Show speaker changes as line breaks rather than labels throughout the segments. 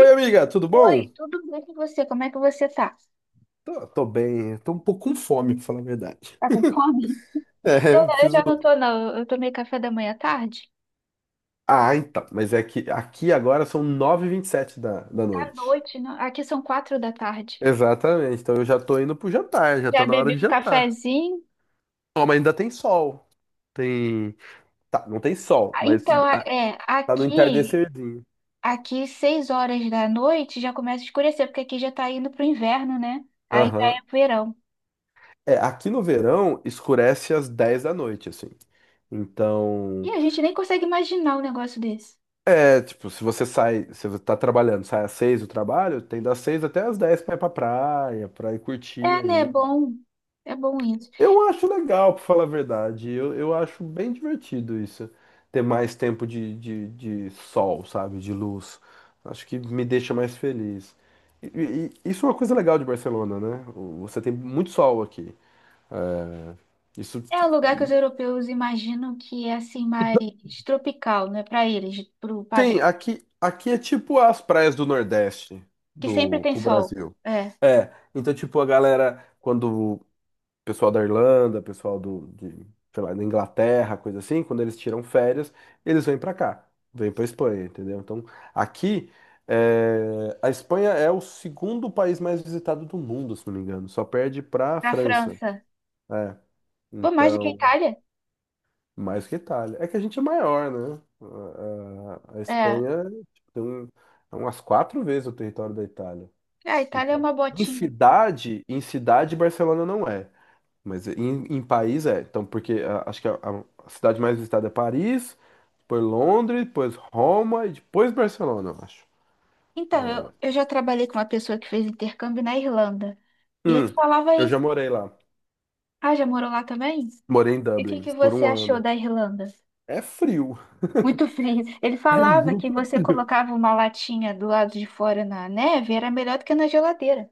E
amiga, tudo
Oi,
bom?
tudo bem com você? Como é que você tá?
Tô bem, tô um pouco com fome, pra falar a verdade.
Tá com fome?
É, eu
Eu
preciso.
já não tô, não. Eu tomei café da manhã à tarde.
Ah, então, mas é que aqui agora são 9:27 da
À
noite.
noite, não. Aqui são quatro da tarde.
Exatamente, então eu já tô indo pro jantar, já tá
Já
na hora
bebi
de
um
jantar.
cafezinho.
Ó, mas ainda tem sol. Tem. Tá, não tem sol,
Ah,
mas
então,
ah, tá no
aqui,
entardecerzinho.
aqui seis horas da noite já começa a escurecer, porque aqui já tá indo pro inverno, né? Aí já
Aham.
é verão.
É, aqui no verão escurece às 10 da noite, assim.
E
Então.
a gente nem consegue imaginar um negócio desse.
É, tipo, se você tá trabalhando, sai às 6 do trabalho, tem das 6 até às 10 pra ir pra praia, pra ir curtir
É, né? É
aí.
bom. É bom isso.
Eu acho legal, pra falar a verdade. Eu acho bem divertido isso. Ter mais tempo de sol, sabe? De luz. Acho que me deixa mais feliz. E isso é uma coisa legal de Barcelona, né? Você tem muito sol aqui. É, isso.
É um lugar que os europeus imaginam que é assim mais tropical, né? Para eles, pro
Sim,
padrão
aqui é tipo as praias do Nordeste
que sempre
do
tem
pro
sol.
Brasil.
É,
É, então tipo a galera, quando o pessoal da Irlanda, pessoal sei lá, da Inglaterra, coisa assim, quando eles tiram férias, eles vêm pra cá, vêm pra Espanha, entendeu? Então aqui, a Espanha é o segundo país mais visitado do mundo, se não me engano, só perde pra
pra
França.
França.
É,
Pô, mais do que a
então
Itália?
mais que Itália. É que a gente é maior, né? A
É.
Espanha tipo, é umas 4 vezes o território da Itália.
É, a Itália é
Então,
uma
em
botinha.
cidade, em cidade, Barcelona não é. Mas em país é. Então, porque acho que a cidade mais visitada é Paris, depois Londres, depois Roma e depois Barcelona, eu acho.
Então, eu já trabalhei com uma pessoa que fez intercâmbio na Irlanda. E
Hum,
ele falava
eu já
isso.
morei lá.
Ah, já morou lá também?
Morei em
E o que
Dublin
que
por
você
um
achou
ano.
da Irlanda?
É frio.
Muito frio. Ele
É
falava que
muito
você
frio.
colocava uma latinha do lado de fora na neve, era melhor do que na geladeira.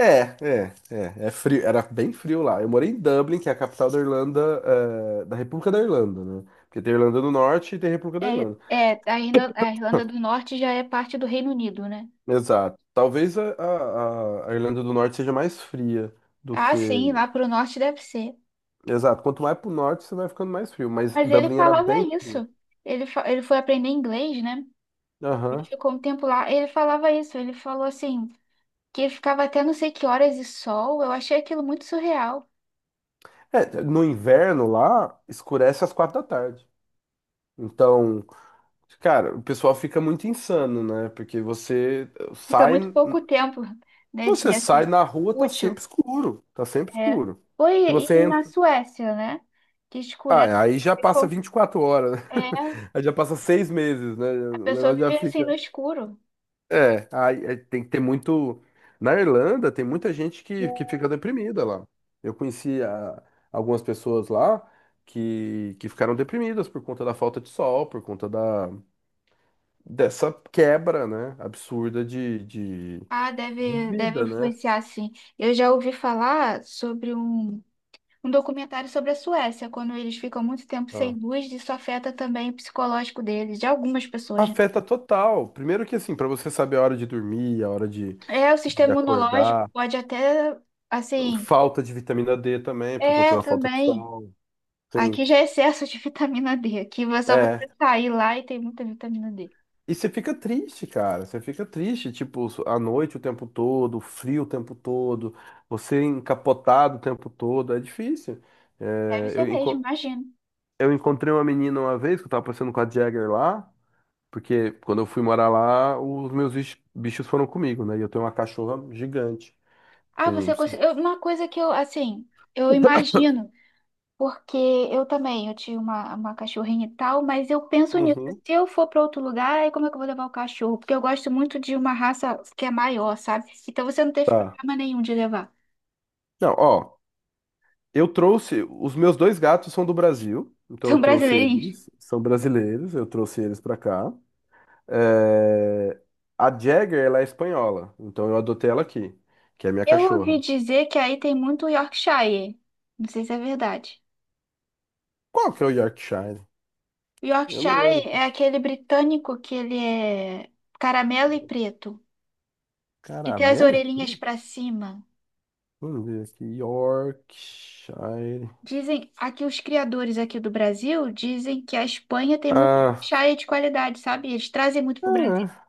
É frio, era bem frio lá. Eu morei em Dublin, que é a capital da Irlanda, da República da Irlanda, né? Porque tem Irlanda do Norte e tem República da
É,
Irlanda.
é, a Irlanda do Norte já é parte do Reino Unido, né?
Exato. Talvez a Irlanda do Norte seja mais fria do
Ah,
que.
sim, lá pro norte deve ser.
Exato. Quanto mais pro norte, você vai ficando mais frio. Mas
Mas ele
Dublin era
falava
bem frio.
isso. Ele foi aprender inglês, né? Ele
Aham.
ficou um tempo lá. Ele falava isso. Ele falou assim, que ele ficava até não sei que horas de sol. Eu achei aquilo muito surreal.
É, no inverno lá, escurece às 4 da tarde. Então, cara, o pessoal fica muito insano, né? Porque você
Fica
sai.
muito pouco tempo, né, de
Você
assim,
sai na rua, tá
útil.
sempre escuro. Tá sempre
É.
escuro.
Foi
Se você
e na
entra.
Suécia, né? Que escurece.
Ah, aí já passa
Ficou,
24 horas, né?
é,
Aí já passa 6 meses, né?
a
O
pessoa
negócio já
vive assim
fica.
no escuro.
É, aí é, tem que ter muito. Na Irlanda, tem muita gente que fica deprimida lá. Eu conheci algumas pessoas lá que ficaram deprimidas por conta da falta de sol, por conta dessa quebra, né? Absurda de, de,
Ah,
de
deve
vida, né?
influenciar, sim. Eu já ouvi falar sobre um documentário sobre a Suécia, quando eles ficam muito tempo sem
Ah.
luz, isso afeta também o psicológico deles, de algumas pessoas, né?
Afeta total. Primeiro que assim, para você saber a hora de dormir, a hora de,
É, o
de
sistema imunológico
acordar,
pode até, assim,
falta de vitamina D também, por conta
é
da falta de
também.
sol. Sim.
Aqui já é excesso de vitamina D. Aqui é só
É.
você sair lá e tem muita vitamina D.
E você fica triste, cara. Você fica triste, tipo, à noite o tempo todo, frio o tempo todo, você encapotado o tempo todo, é difícil.
Deve
É,
ser mesmo, imagino.
eu encontrei uma menina uma vez que eu tava passando com a Jagger lá, porque quando eu fui morar lá, os meus bichos bichos foram comigo, né? E eu tenho uma cachorra gigante
Ah,
com
você conseguiu. Uma coisa que eu, assim, eu imagino. Porque eu também, eu tinha uma cachorrinha e tal, mas eu penso nisso.
Uhum.
Se eu for para outro lugar, aí como é que eu vou levar o cachorro? Porque eu gosto muito de uma raça que é maior, sabe? Então você não teve
Tá.
problema nenhum de levar.
Não, ó, eu trouxe. Os meus dois gatos são do Brasil, então eu
São
trouxe
brasileirinhos.
eles, são brasileiros, eu trouxe eles pra cá. É, a Jagger, ela é espanhola, então eu adotei ela aqui, que é minha
Eu ouvi
cachorra.
dizer que aí tem muito Yorkshire. Não sei se é verdade.
Qual que é o Yorkshire? Eu não
Yorkshire
lembro.
é aquele britânico que ele é caramelo e preto, que tem as
Caramelo e
orelhinhas
preto?
para cima.
Vamos ver aqui. Yorkshire.
Dizem, aqui os criadores aqui do Brasil dizem que a Espanha tem muito
Ah,
chá de qualidade, sabe? Eles trazem muito pro Brasil.
é,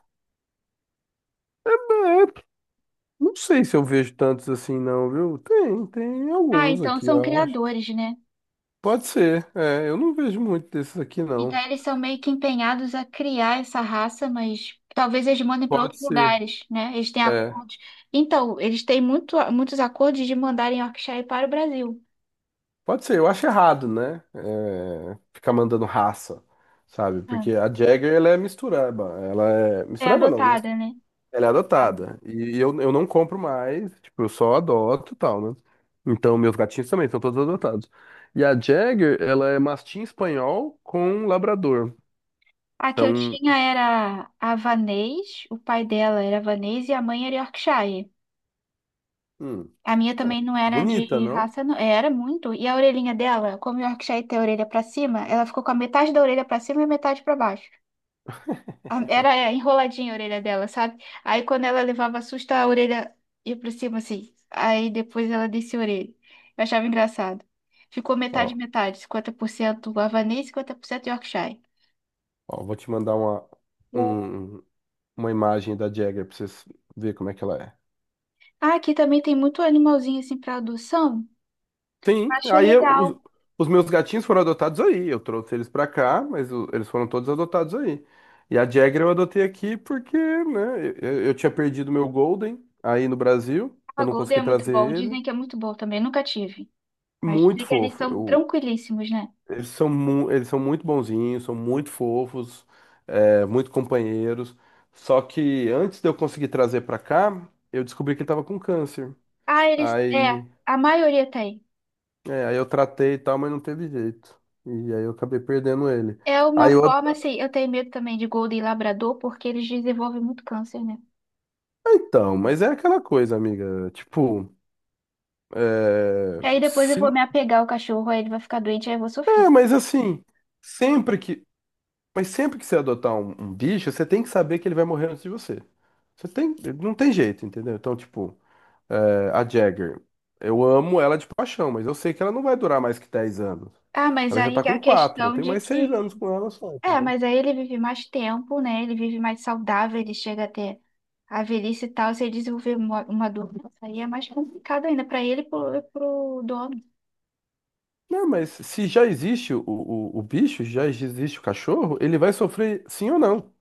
é, não sei se eu vejo tantos assim, não, viu? Tem
Ah,
alguns
então
aqui,
são
eu acho.
criadores, né?
Pode ser, eu não vejo muito desses aqui,
Então
não.
eles são meio que empenhados a criar essa raça, mas talvez eles mandem para
Pode
outros
ser,
lugares, né? Eles têm
é,
acordos. Então, eles têm muito, muitos acordos de mandarem Yorkshire para o Brasil.
pode ser, eu acho errado, né? Ficar mandando raça, sabe?
Ah,
Porque a Jagger, ela é,
é
mistureba não, né?
adotada, né?
Ela é
Ah.
adotada, e eu não compro mais, tipo, eu só adoto e tal, né? Então, meus gatinhos também são todos adotados. E a Jagger, ela é mastim espanhol com labrador,
A que eu
então,
tinha era havanês, o pai dela era havanês e a mãe era Yorkshire.
hum,
A minha também não era
bonita,
de
não?
raça, não. Era muito. E a orelhinha dela, como o Yorkshire tem a orelha pra cima, ela ficou com a metade da orelha pra cima e metade pra baixo. Era, enroladinha a orelha dela, sabe? Aí quando ela levava susto, a orelha ia pra cima assim. Aí depois ela descia a orelha. Eu achava engraçado. Ficou metade,
Ó,
metade. 50% havanês, 50% Yorkshire.
ó, vou te mandar uma, um uma imagem da Jagger pra vocês verem como é que ela é.
Ah, aqui também tem muito animalzinho assim pra adoção.
Sim,
Acho
os,
legal.
os meus gatinhos foram adotados aí. Eu trouxe eles pra cá, mas eles foram todos adotados aí. E a Jagger eu adotei aqui porque, né, eu tinha perdido meu Golden aí no Brasil.
A
Eu não
Golden é
consegui
muito
trazer
bom.
ele.
Dizem que é muito bom também. Nunca tive. Mas
Muito
dizem que eles
fofo.
são tranquilíssimos, né?
Eles são muito bonzinhos, são muito fofos, muito companheiros. Só que antes de eu conseguir trazer pra cá, eu descobri que ele tava com câncer.
Ah, eles. É,
Aí.
a maioria tem.
É, aí eu tratei e tal, mas não teve jeito. E aí eu acabei perdendo ele.
É uma
Aí eu.
forma, assim, eu tenho medo também de Golden Labrador, porque eles desenvolvem muito câncer, né?
Ah, então, mas é aquela coisa, amiga. Tipo, é.
Aí depois eu vou
Se...
me apegar ao cachorro, aí ele vai ficar doente, aí eu vou sofrer.
É, mas assim, sempre que. Mas sempre que você adotar um bicho, você tem que saber que ele vai morrer antes de você. Você tem. Não tem jeito, entendeu? Então, tipo, a Jagger. Eu amo ela de paixão, mas eu sei que ela não vai durar mais que 10 anos.
Ah, mas
Ela já tá
aí a
com 4. Eu
questão
tenho
de
mais 6
que.
anos com ela só.
É, mas aí ele vive mais tempo, né? Ele vive mais saudável, ele chega até a velhice e tal. Se ele desenvolver uma doença, aí é mais complicado ainda pra ele e pro dono.
Não, mas se já existe o bicho, já existe o cachorro, ele vai sofrer sim ou não.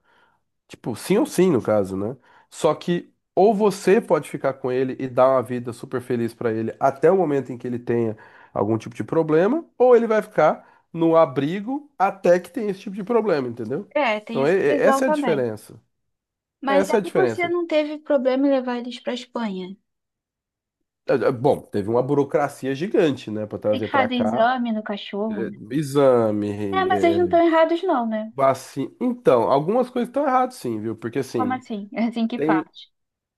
Tipo, sim ou sim, no caso, né? Só que ou você pode ficar com ele e dar uma vida super feliz pra ele até o momento em que ele tenha algum tipo de problema, ou ele vai ficar no abrigo até que tenha esse tipo de problema, entendeu?
É, tem
Então,
essa visão
essa é a
também.
diferença.
Mas
Essa é a
aí você
diferença.
não teve problema em levar eles pra Espanha?
Bom, teve uma burocracia gigante, né, pra
Tem que
trazer pra
fazer
cá,
exame no
É,
cachorro, né?
exame,
É, mas eles
é,
não estão errados não, né?
vacina. Então, algumas coisas estão erradas, sim, viu? Porque
Como
assim,
assim? É assim que
tem.
parte.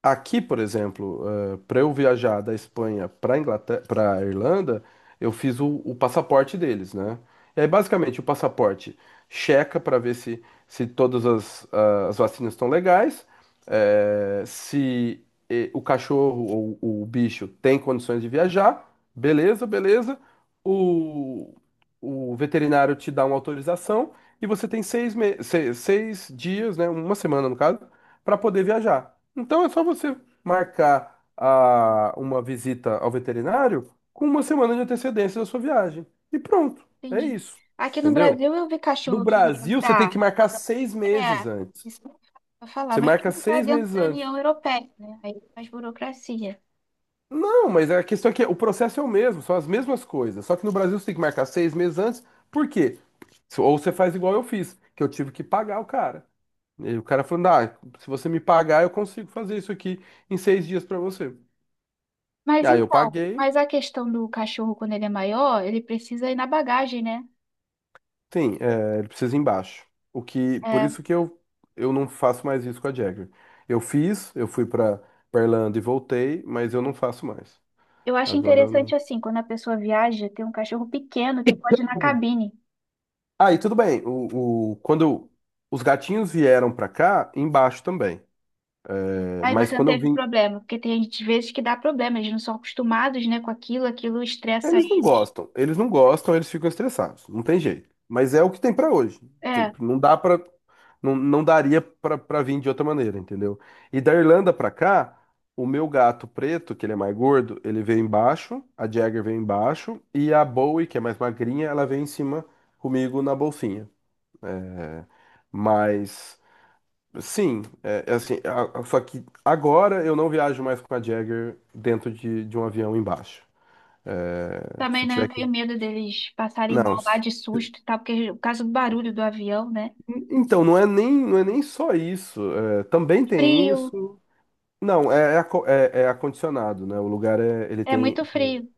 Aqui, por exemplo, para eu viajar da Espanha para Inglaterra, para Irlanda, eu fiz o passaporte deles, né? E aí, basicamente, o passaporte checa para ver se todas as vacinas estão legais, se o cachorro ou o bicho tem condições de viajar, beleza, beleza. O, o veterinário te dá uma autorização e você tem seis, me- se- seis dias, né? Uma semana, no caso para poder viajar. Então é só você marcar uma visita ao veterinário com uma semana de antecedência da sua viagem. E pronto, é
Entendi.
isso.
Aqui no
Entendeu?
Brasil eu vi
No
cachorro que
Brasil, você tem
entrar.
que marcar 6 meses
É,
antes.
isso não vou falar,
Você
mas
marca
porque está
seis
dentro
meses
da
antes.
União Europeia, né? Aí tem mais burocracia.
Não, mas a questão é que o processo é o mesmo, são as mesmas coisas. Só que no Brasil você tem que marcar seis meses antes. Por quê? Ou você faz igual eu fiz, que eu tive que pagar o cara. E o cara falando, ah, se você me pagar, eu consigo fazer isso aqui em 6 dias para você. E
Mas
aí eu
então,
paguei,
mas a questão do cachorro quando ele é maior, ele precisa ir na bagagem, né?
sim, ele precisa ir embaixo. O que, por
É,
isso que eu não faço mais isso com a Jagger. Eu fiz, eu fui pra Irlanda e voltei, mas eu não faço mais.
eu acho
Agora eu
interessante
não.
assim, quando a pessoa viaja, ter um cachorro pequeno que pode ir na
Uhum.
cabine.
Ah, e tudo bem. Quando os gatinhos vieram pra cá, embaixo também. É,
Aí
mas
você não
quando eu
teve
vim,
problema, porque tem gente, às vezes que dá problema, eles não são acostumados, né, com aquilo, aquilo estressa
eles não
eles.
gostam, eles não gostam, eles ficam estressados, não tem jeito. Mas é o que tem pra hoje.
É,
Tipo, não dá para, não, não daria pra para vir de outra maneira, entendeu? E da Irlanda pra cá, o meu gato preto, que ele é mais gordo, ele veio embaixo, a Jagger veio embaixo e a Bowie, que é mais magrinha, ela veio em cima comigo na bolsinha. É, mas sim, é assim, só que agora eu não viajo mais com a Jagger dentro de um avião embaixo. É,
também,
se
né,
tiver
eu
que
tenho medo deles passarem
não.
mal lá de susto e tal, porque o caso do barulho do avião, né?
Então, não é nem, não é nem só isso. É, também tem
Frio,
isso. Não, é acondicionado, né? O lugar é, ele
é
tem,
muito
tem.
frio.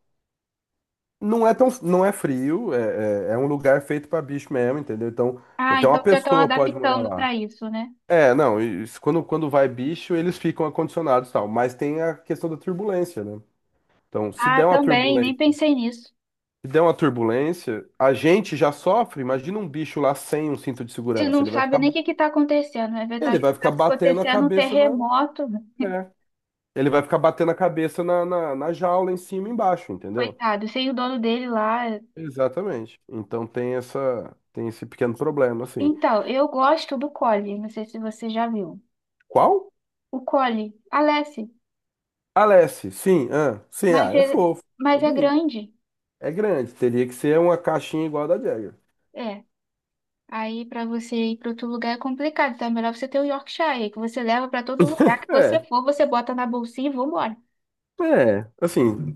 Não é tão, não é frio, é um lugar feito para bicho mesmo, entendeu? Então,
Ah,
até uma
então já estão
pessoa pode morar
adaptando
lá.
para isso, né?
É, não, quando vai bicho, eles ficam acondicionados e tal. Mas tem a questão da turbulência, né? Então,
Ah, também, nem pensei nisso.
se der uma turbulência, a gente já sofre. Imagina um bicho lá sem um cinto de
Você
segurança.
não sabe nem o que que tá acontecendo, né? Tá
Ele
tá
vai ficar batendo a
acontecendo um
cabeça.
terremoto, né?
É. Ele vai ficar batendo a cabeça na jaula em cima e embaixo, entendeu?
Coitado, sem o dono dele lá.
Exatamente. Então tem esse pequeno problema, assim.
Então, eu gosto do Collie, não sei se você já viu.
Qual?
O Cole, Aleph,
Alessi, sim, ah, sim, ah,
mas
é
é,
fofo, é
mas é
bonito.
grande.
É grande, teria que ser uma caixinha igual a da Jagger.
É. Aí pra você ir pra outro lugar é complicado, então é melhor você ter o Yorkshire, que você leva pra todo lugar que você
É,
for, você bota na bolsinha e vambora.
assim,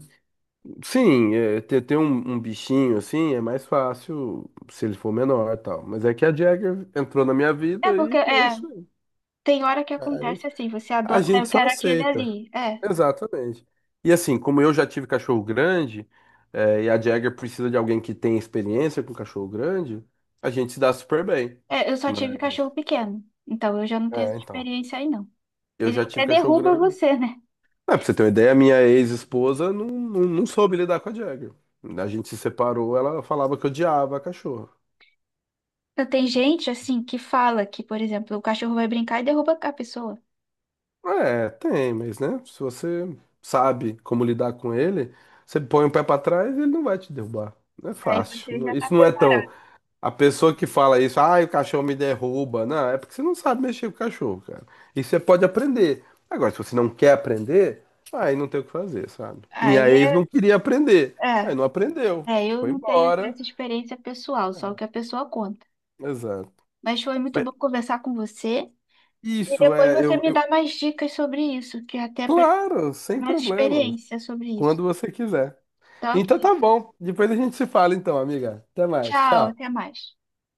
sim, ter um bichinho assim é mais fácil se ele for menor e tal. Mas é que a Jagger entrou na minha
É
vida e
porque
é
é,
isso aí.
tem hora que
É.
acontece assim, você
A
adota, "Ah,
gente
eu
só
quero aquele
aceita.
ali." É,
Exatamente. E assim, como eu já tive cachorro grande, e a Jagger precisa de alguém que tenha experiência com cachorro grande, a gente se dá super bem.
é, eu só tive cachorro
Mas,
pequeno, então eu já não tenho essa
então.
experiência aí não.
Eu
Ele
já tive
até
cachorro
derruba
grande.
você, né?
Ah, pra você ter uma ideia, a minha ex-esposa não, não, não soube lidar com a Jagger. A gente se separou, ela falava que odiava a cachorro.
Então, tem gente assim que fala que, por exemplo, o cachorro vai brincar e derruba a pessoa.
É, tem, mas né? Se você sabe como lidar com ele, você põe o pé pra trás e ele não vai te derrubar. Não é
Aí
fácil.
você já tá
Isso não é tão.
preparado.
A pessoa que fala isso, ah, o cachorro me derruba. Não, é porque você não sabe mexer com o cachorro, cara. Isso você pode aprender. Agora, se você não quer aprender, aí não tem o que fazer, sabe? Minha
Aí
ex não
é.
queria aprender.
é.
Aí não aprendeu.
É, eu
Foi
não tenho
embora.
essa experiência pessoal, só o
É,
que a pessoa conta.
exato.
Mas foi muito
Mas
bom conversar com você. E
isso
depois
é,
você me dá mais dicas sobre isso, que até para
claro,
ter
sem
mais
problemas.
experiência sobre
Quando
isso.
você quiser.
Tá, ok.
Então tá bom. Depois a gente se fala então, amiga. Até mais.
Tchau, até
Tchau.
mais.